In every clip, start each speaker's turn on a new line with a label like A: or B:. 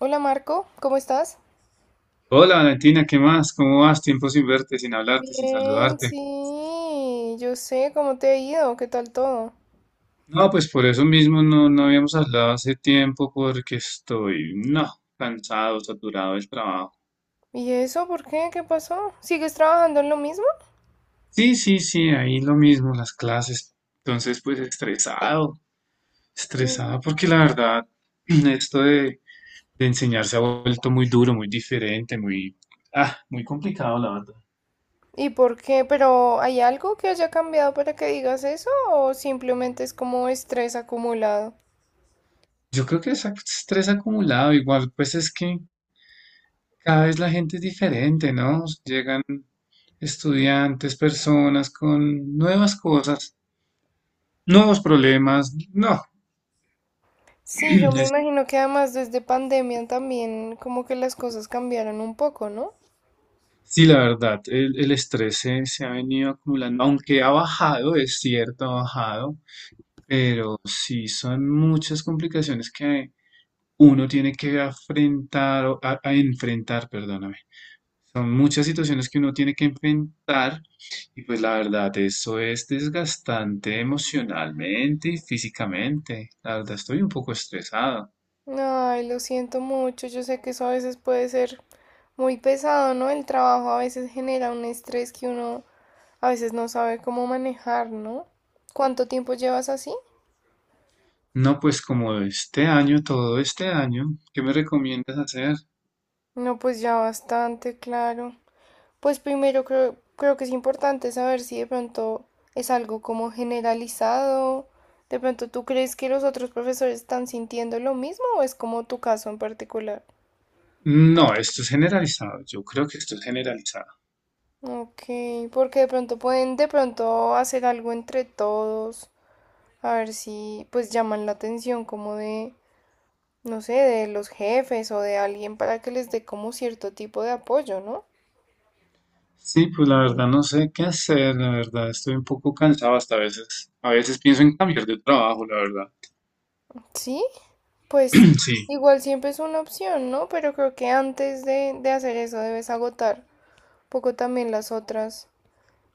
A: Hola Marco, ¿cómo estás?
B: Hola Valentina, ¿qué más? ¿Cómo vas? Tiempo sin verte, sin hablarte, sin
A: Bien,
B: saludarte.
A: sí, yo sé cómo te ha ido, qué tal todo.
B: No, pues por eso mismo no habíamos hablado hace tiempo porque estoy, no, cansado, saturado del trabajo.
A: ¿Y eso por qué? ¿Qué pasó? ¿Sigues trabajando en lo mismo?
B: Sí, sí, sí, ahí lo mismo, las clases. Entonces, pues estresado,
A: Mm.
B: estresado porque la verdad, esto de enseñar se ha vuelto muy duro, muy diferente, muy, muy complicado, la verdad.
A: ¿Y por qué? ¿Pero hay algo que haya cambiado para que digas eso o simplemente es como estrés acumulado?
B: Yo creo que es estrés acumulado, igual, pues es que cada vez la gente es diferente, ¿no? Llegan estudiantes, personas con nuevas cosas, nuevos problemas. No,
A: Sí, yo me
B: es-
A: imagino que además desde pandemia también como que las cosas cambiaron un poco, ¿no?
B: sí, la verdad, el estrés se ha venido acumulando, aunque ha bajado, es cierto, ha bajado, pero sí son muchas complicaciones que uno tiene que afrontar, o a enfrentar, perdóname. Son muchas situaciones que uno tiene que enfrentar y pues la verdad, eso es desgastante emocionalmente y físicamente. La verdad, estoy un poco estresado.
A: Ay, lo siento mucho. Yo sé que eso a veces puede ser muy pesado, ¿no? El trabajo a veces genera un estrés que uno a veces no sabe cómo manejar, ¿no? ¿Cuánto tiempo llevas así?
B: No, pues como este año, todo este año, ¿qué me recomiendas hacer?
A: No, pues ya bastante, claro. Pues primero creo que es importante saber si de pronto es algo como generalizado. De pronto, ¿tú crees que los otros profesores están sintiendo lo mismo o es como tu caso en particular?
B: No, esto es generalizado, yo creo que esto es generalizado.
A: Ok, porque de pronto pueden de pronto hacer algo entre todos, a ver si pues llaman la atención como de, no sé, de los jefes o de alguien para que les dé como cierto tipo de apoyo, ¿no?
B: Sí, pues la verdad no sé qué hacer, la verdad estoy un poco cansado hasta a veces. A veces pienso en cambiar de trabajo, la verdad.
A: Sí, pues
B: Sí.
A: igual siempre es una opción, ¿no? Pero creo que antes de hacer eso debes agotar un poco también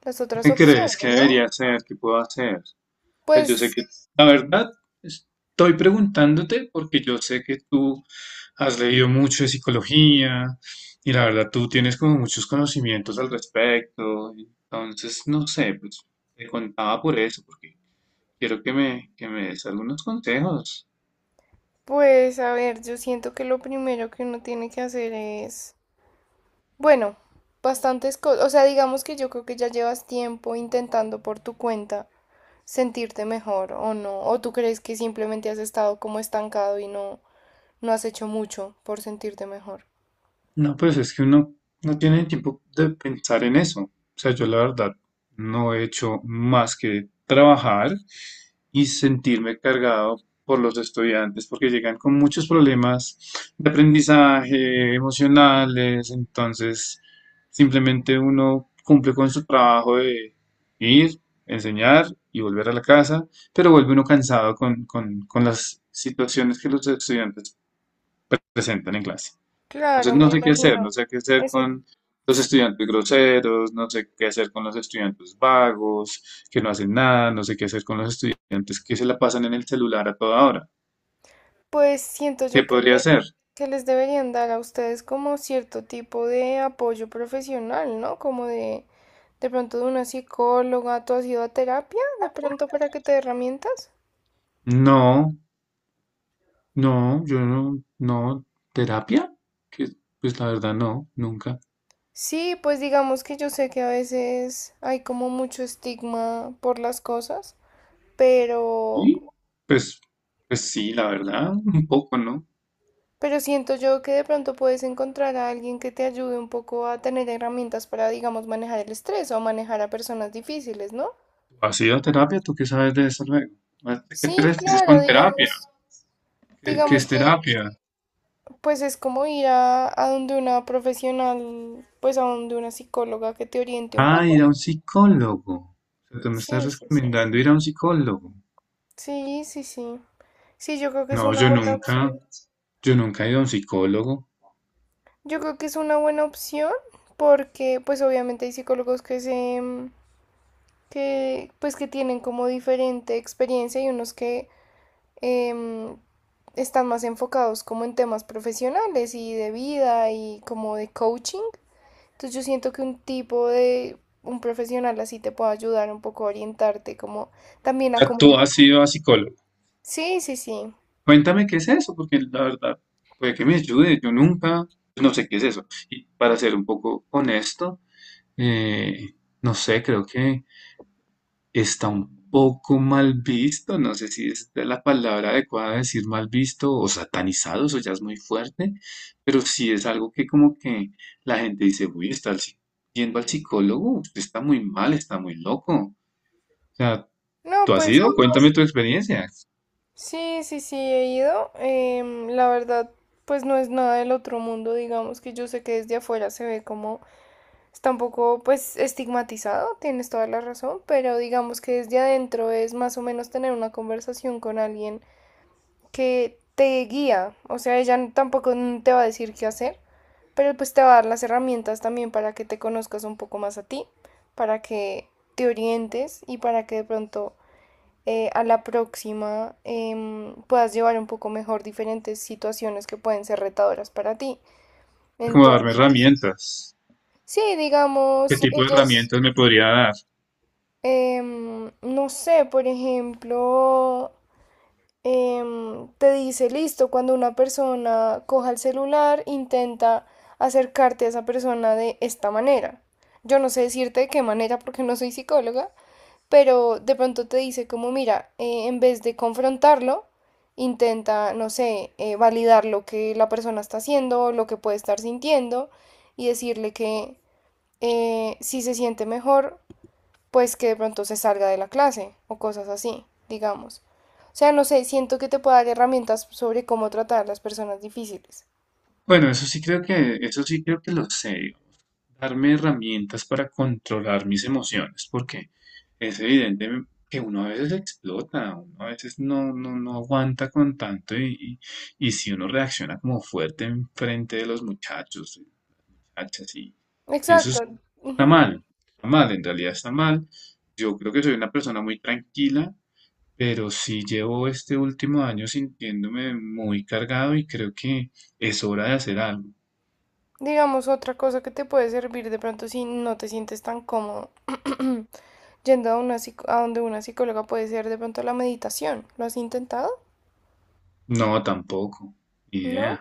A: las otras
B: ¿Qué crees
A: opciones,
B: que
A: ¿no?
B: debería hacer? ¿Qué puedo hacer? Sea, yo sé
A: Pues,
B: que la verdad estoy preguntándote porque yo sé que tú has leído mucho de psicología y la verdad tú tienes como muchos conocimientos al respecto. Entonces, no sé, pues te contaba por eso, porque quiero que que me des algunos consejos.
A: a ver, yo siento que lo primero que uno tiene que hacer es bueno, bastantes cosas. O sea, digamos que yo creo que ya llevas tiempo intentando por tu cuenta sentirte mejor o no. O tú crees que simplemente has estado como estancado y no has hecho mucho por sentirte mejor.
B: No, pues es que uno no tiene tiempo de pensar en eso. O sea, yo la verdad no he hecho más que trabajar y sentirme cargado por los estudiantes, porque llegan con muchos problemas de aprendizaje, emocionales, entonces simplemente uno cumple con su trabajo de ir, enseñar y volver a la casa, pero vuelve uno cansado con, con las situaciones que los estudiantes presentan en clase. Entonces
A: Claro,
B: no
A: me
B: sé qué hacer,
A: imagino.
B: no sé qué hacer
A: Eso
B: con los
A: sí.
B: estudiantes groseros, no sé qué hacer con los estudiantes vagos, que no hacen nada, no sé qué hacer con los estudiantes que se la pasan en el celular a toda hora.
A: Pues siento
B: ¿Qué
A: yo
B: podría hacer?
A: que les deberían dar a ustedes como cierto tipo de apoyo profesional, ¿no? Como de pronto de una psicóloga. ¿Tú has ido a terapia de pronto para que te dé herramientas?
B: No, no, yo no, no, terapia, que pues la verdad no, nunca.
A: Sí, pues digamos que yo sé que a veces hay como mucho estigma por las cosas, pero,
B: Y pues, pues sí, la verdad, un poco, ¿no?
A: pero siento yo que de pronto puedes encontrar a alguien que te ayude un poco a tener herramientas para, digamos, manejar el estrés o manejar a personas difíciles, ¿no?
B: ¿Has ido a terapia? ¿Tú qué sabes de eso luego? ¿A qué te
A: Sí,
B: refieres
A: claro,
B: con terapia?
A: digamos,
B: ¿Qué, qué
A: digamos
B: es
A: que
B: terapia?
A: pues es como ir a donde una profesional, pues a donde una psicóloga que te oriente un
B: Ah, ir
A: poco.
B: a un psicólogo. O sea, tú me estás
A: Sí, sí, sí.
B: recomendando ir a un psicólogo.
A: Sí, sí, sí. Sí, yo creo que es
B: No,
A: una buena opción.
B: yo nunca he ido a un psicólogo. O
A: Yo creo que es una buena opción porque pues obviamente hay psicólogos que se que pues que tienen como diferente experiencia y unos que eh, están más enfocados como en temas profesionales y de vida y como de coaching. Entonces yo siento que un tipo de un profesional así te puede ayudar un poco a orientarte como también a
B: sea, tú
A: como
B: has ido a psicólogo.
A: sí, sí, sí.
B: Cuéntame qué es eso, porque la verdad, puede que me ayude. Yo nunca, no sé qué es eso. Y para ser un poco honesto, eh, no sé, creo que está un poco mal visto, no sé si es de la palabra adecuada decir mal visto o satanizado, eso ya es muy fuerte, pero sí es algo que como que la gente dice, uy, yendo al psicólogo, usted está muy mal, está muy loco. O sea,
A: No,
B: ¿tú has
A: pues
B: ido? Cuéntame tu experiencia,
A: sí, sí, sí, he ido. La verdad, pues no es nada del otro mundo, digamos que yo sé que desde afuera se ve como está un poco, pues, estigmatizado, tienes toda la razón, pero digamos que desde adentro es más o menos tener una conversación con alguien que te guía, o sea, ella tampoco te va a decir qué hacer, pero pues te va a dar las herramientas también para que te conozcas un poco más a ti, para que te orientes y para que de pronto a la próxima puedas llevar un poco mejor diferentes situaciones que pueden ser retadoras para ti.
B: como darme
A: Entonces,
B: herramientas.
A: sí,
B: ¿Qué
A: digamos,
B: tipo de
A: ellas,
B: herramientas me podría dar?
A: no sé, por ejemplo, te dice, listo, cuando una persona coja el celular, intenta acercarte a esa persona de esta manera. Yo no sé decirte de qué manera porque no soy psicóloga, pero de pronto te dice como, mira, en vez de confrontarlo, intenta, no sé, validar lo que la persona está haciendo, lo que puede estar sintiendo y decirle que si se siente mejor, pues que de pronto se salga de la clase o cosas así, digamos. O sea, no sé, siento que te puede dar herramientas sobre cómo tratar a las personas difíciles.
B: Bueno, eso sí creo que, eso sí creo que lo sé. Darme herramientas para controlar mis emociones, porque es evidente que uno a veces explota, uno a veces no aguanta con tanto y, y si uno reacciona como fuerte en frente de los muchachos, muchachas, y eso
A: Exacto. Ujú.
B: está mal, en realidad está mal. Yo creo que soy una persona muy tranquila, pero sí llevo este último año sintiéndome muy cargado y creo que es hora de hacer algo.
A: Digamos, otra cosa que te puede servir de pronto si no te sientes tan cómodo yendo a, una, a donde una psicóloga puede ser de pronto la meditación. ¿Lo has intentado?
B: No, tampoco, ni idea.
A: ¿No?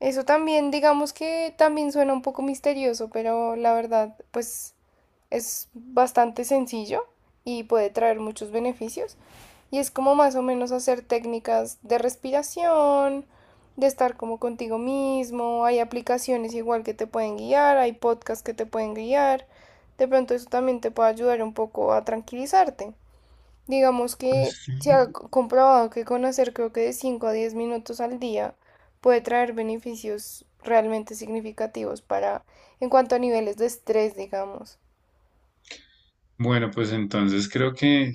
A: Eso también, digamos que también suena un poco misterioso, pero la verdad, pues es bastante sencillo y puede traer muchos beneficios. Y es como más o menos hacer técnicas de respiración, de estar como contigo mismo. Hay aplicaciones igual que te pueden guiar, hay podcasts que te pueden guiar. De pronto eso también te puede ayudar un poco a tranquilizarte. Digamos que
B: Pues
A: se
B: sí.
A: ha comprobado que conocer creo que de 5 a 10 minutos al día puede traer beneficios realmente significativos para, en cuanto a niveles de estrés, digamos.
B: Bueno, pues entonces creo que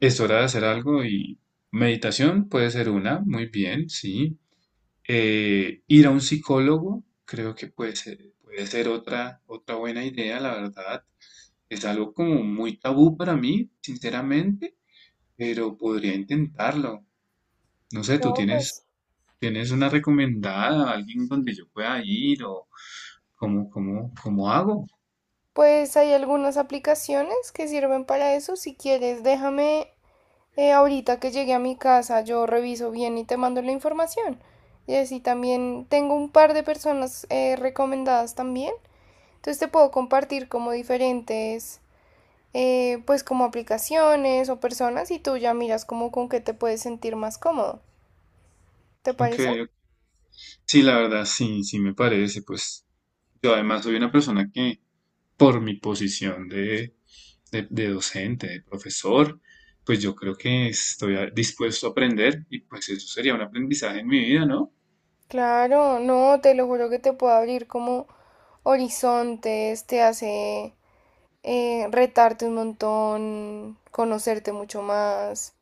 B: es hora de hacer algo y meditación puede ser una, muy bien, sí. Ir a un psicólogo creo que puede ser otra, otra buena idea, la verdad. Es algo como muy tabú para mí, sinceramente, pero podría intentarlo. No sé, ¿tú
A: No,
B: tienes,
A: pues.
B: tienes una recomendada, alguien donde yo pueda ir o cómo, cómo, cómo hago?
A: Pues hay algunas aplicaciones que sirven para eso. Si quieres, déjame ahorita que llegue a mi casa, yo reviso bien y te mando la información. Y así también tengo un par de personas recomendadas también. Entonces te puedo compartir como diferentes pues como aplicaciones o personas y tú ya miras como con qué te puedes sentir más cómodo. ¿Te
B: Ok,
A: parece?
B: ok. Sí, la verdad, sí, sí me parece. Pues yo además soy una persona que por mi posición de docente, de profesor, pues yo creo que estoy dispuesto a aprender y pues eso sería un aprendizaje en mi vida, ¿no?
A: Claro, no, te lo juro que te puede abrir como horizontes, te hace retarte un montón, conocerte mucho más.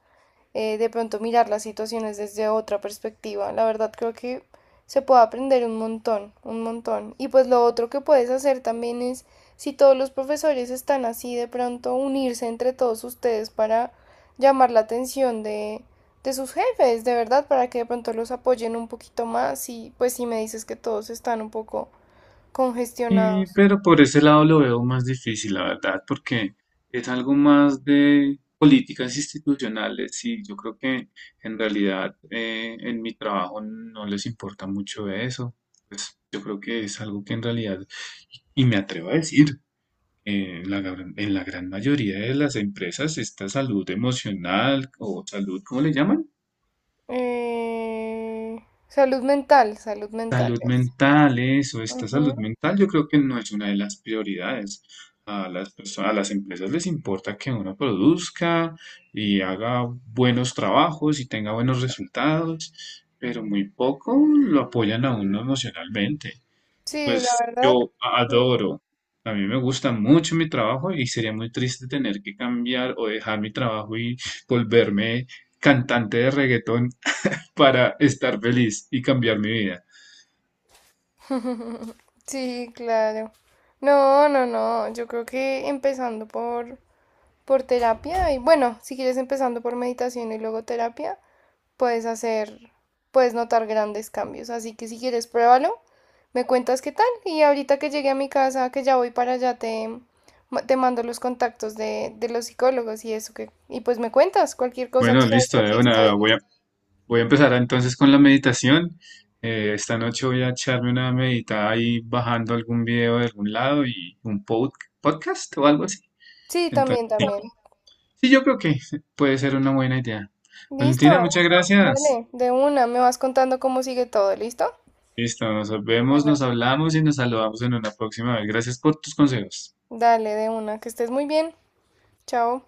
A: De pronto mirar las situaciones desde otra perspectiva. La verdad creo que se puede aprender un montón, un montón. Y pues lo otro que puedes hacer también es, si todos los profesores están así, de pronto unirse entre todos ustedes para llamar la atención de sus jefes, de verdad, para que de pronto los apoyen un poquito más y pues si me dices que todos están un poco
B: Y,
A: congestionados.
B: pero por ese lado lo veo más difícil, la verdad, porque es algo más de políticas institucionales y yo creo que en realidad en mi trabajo no les importa mucho eso. Pues yo creo que es algo que en realidad, y me atrevo a decir, en la, en la gran mayoría de las empresas, esta salud emocional o salud, ¿cómo le llaman?
A: Salud mental, salud mental
B: Salud
A: es.
B: mental, eso, esta
A: Ujú.
B: salud mental yo creo que no es una de las prioridades. A a las empresas les importa que uno produzca y haga buenos trabajos y tenga buenos resultados, pero muy poco lo apoyan a uno emocionalmente. Y
A: Sí, la
B: pues
A: verdad.
B: yo
A: Sí.
B: adoro, a mí me gusta mucho mi trabajo y sería muy triste tener que cambiar o dejar mi trabajo y volverme cantante de reggaetón para estar feliz y cambiar mi vida.
A: Sí, claro. No, no, no. Yo creo que empezando por terapia y bueno, si quieres empezando por meditación y luego terapia, puedes hacer, puedes notar grandes cambios. Así que si quieres, pruébalo, me cuentas qué tal y ahorita que llegue a mi casa, que ya voy para allá, te, te mando los contactos de los psicólogos y eso que, y pues me cuentas cualquier cosa, tú
B: Bueno,
A: sabes
B: listo,
A: que aquí
B: de una.
A: estoy.
B: Voy a, voy a empezar entonces con la meditación. Esta noche voy a echarme una meditada ahí bajando algún video de algún lado y un podcast o algo así.
A: Sí,
B: Entonces,
A: también, también.
B: sí, yo creo que puede ser una buena idea. Valentina,
A: Listo.
B: muchas gracias.
A: Dale, de una, me vas contando cómo sigue todo, ¿listo?
B: Listo, nos vemos,
A: Bueno,
B: nos hablamos y nos saludamos en una próxima vez. Gracias por tus consejos.
A: dale de una, que estés muy bien. Chao.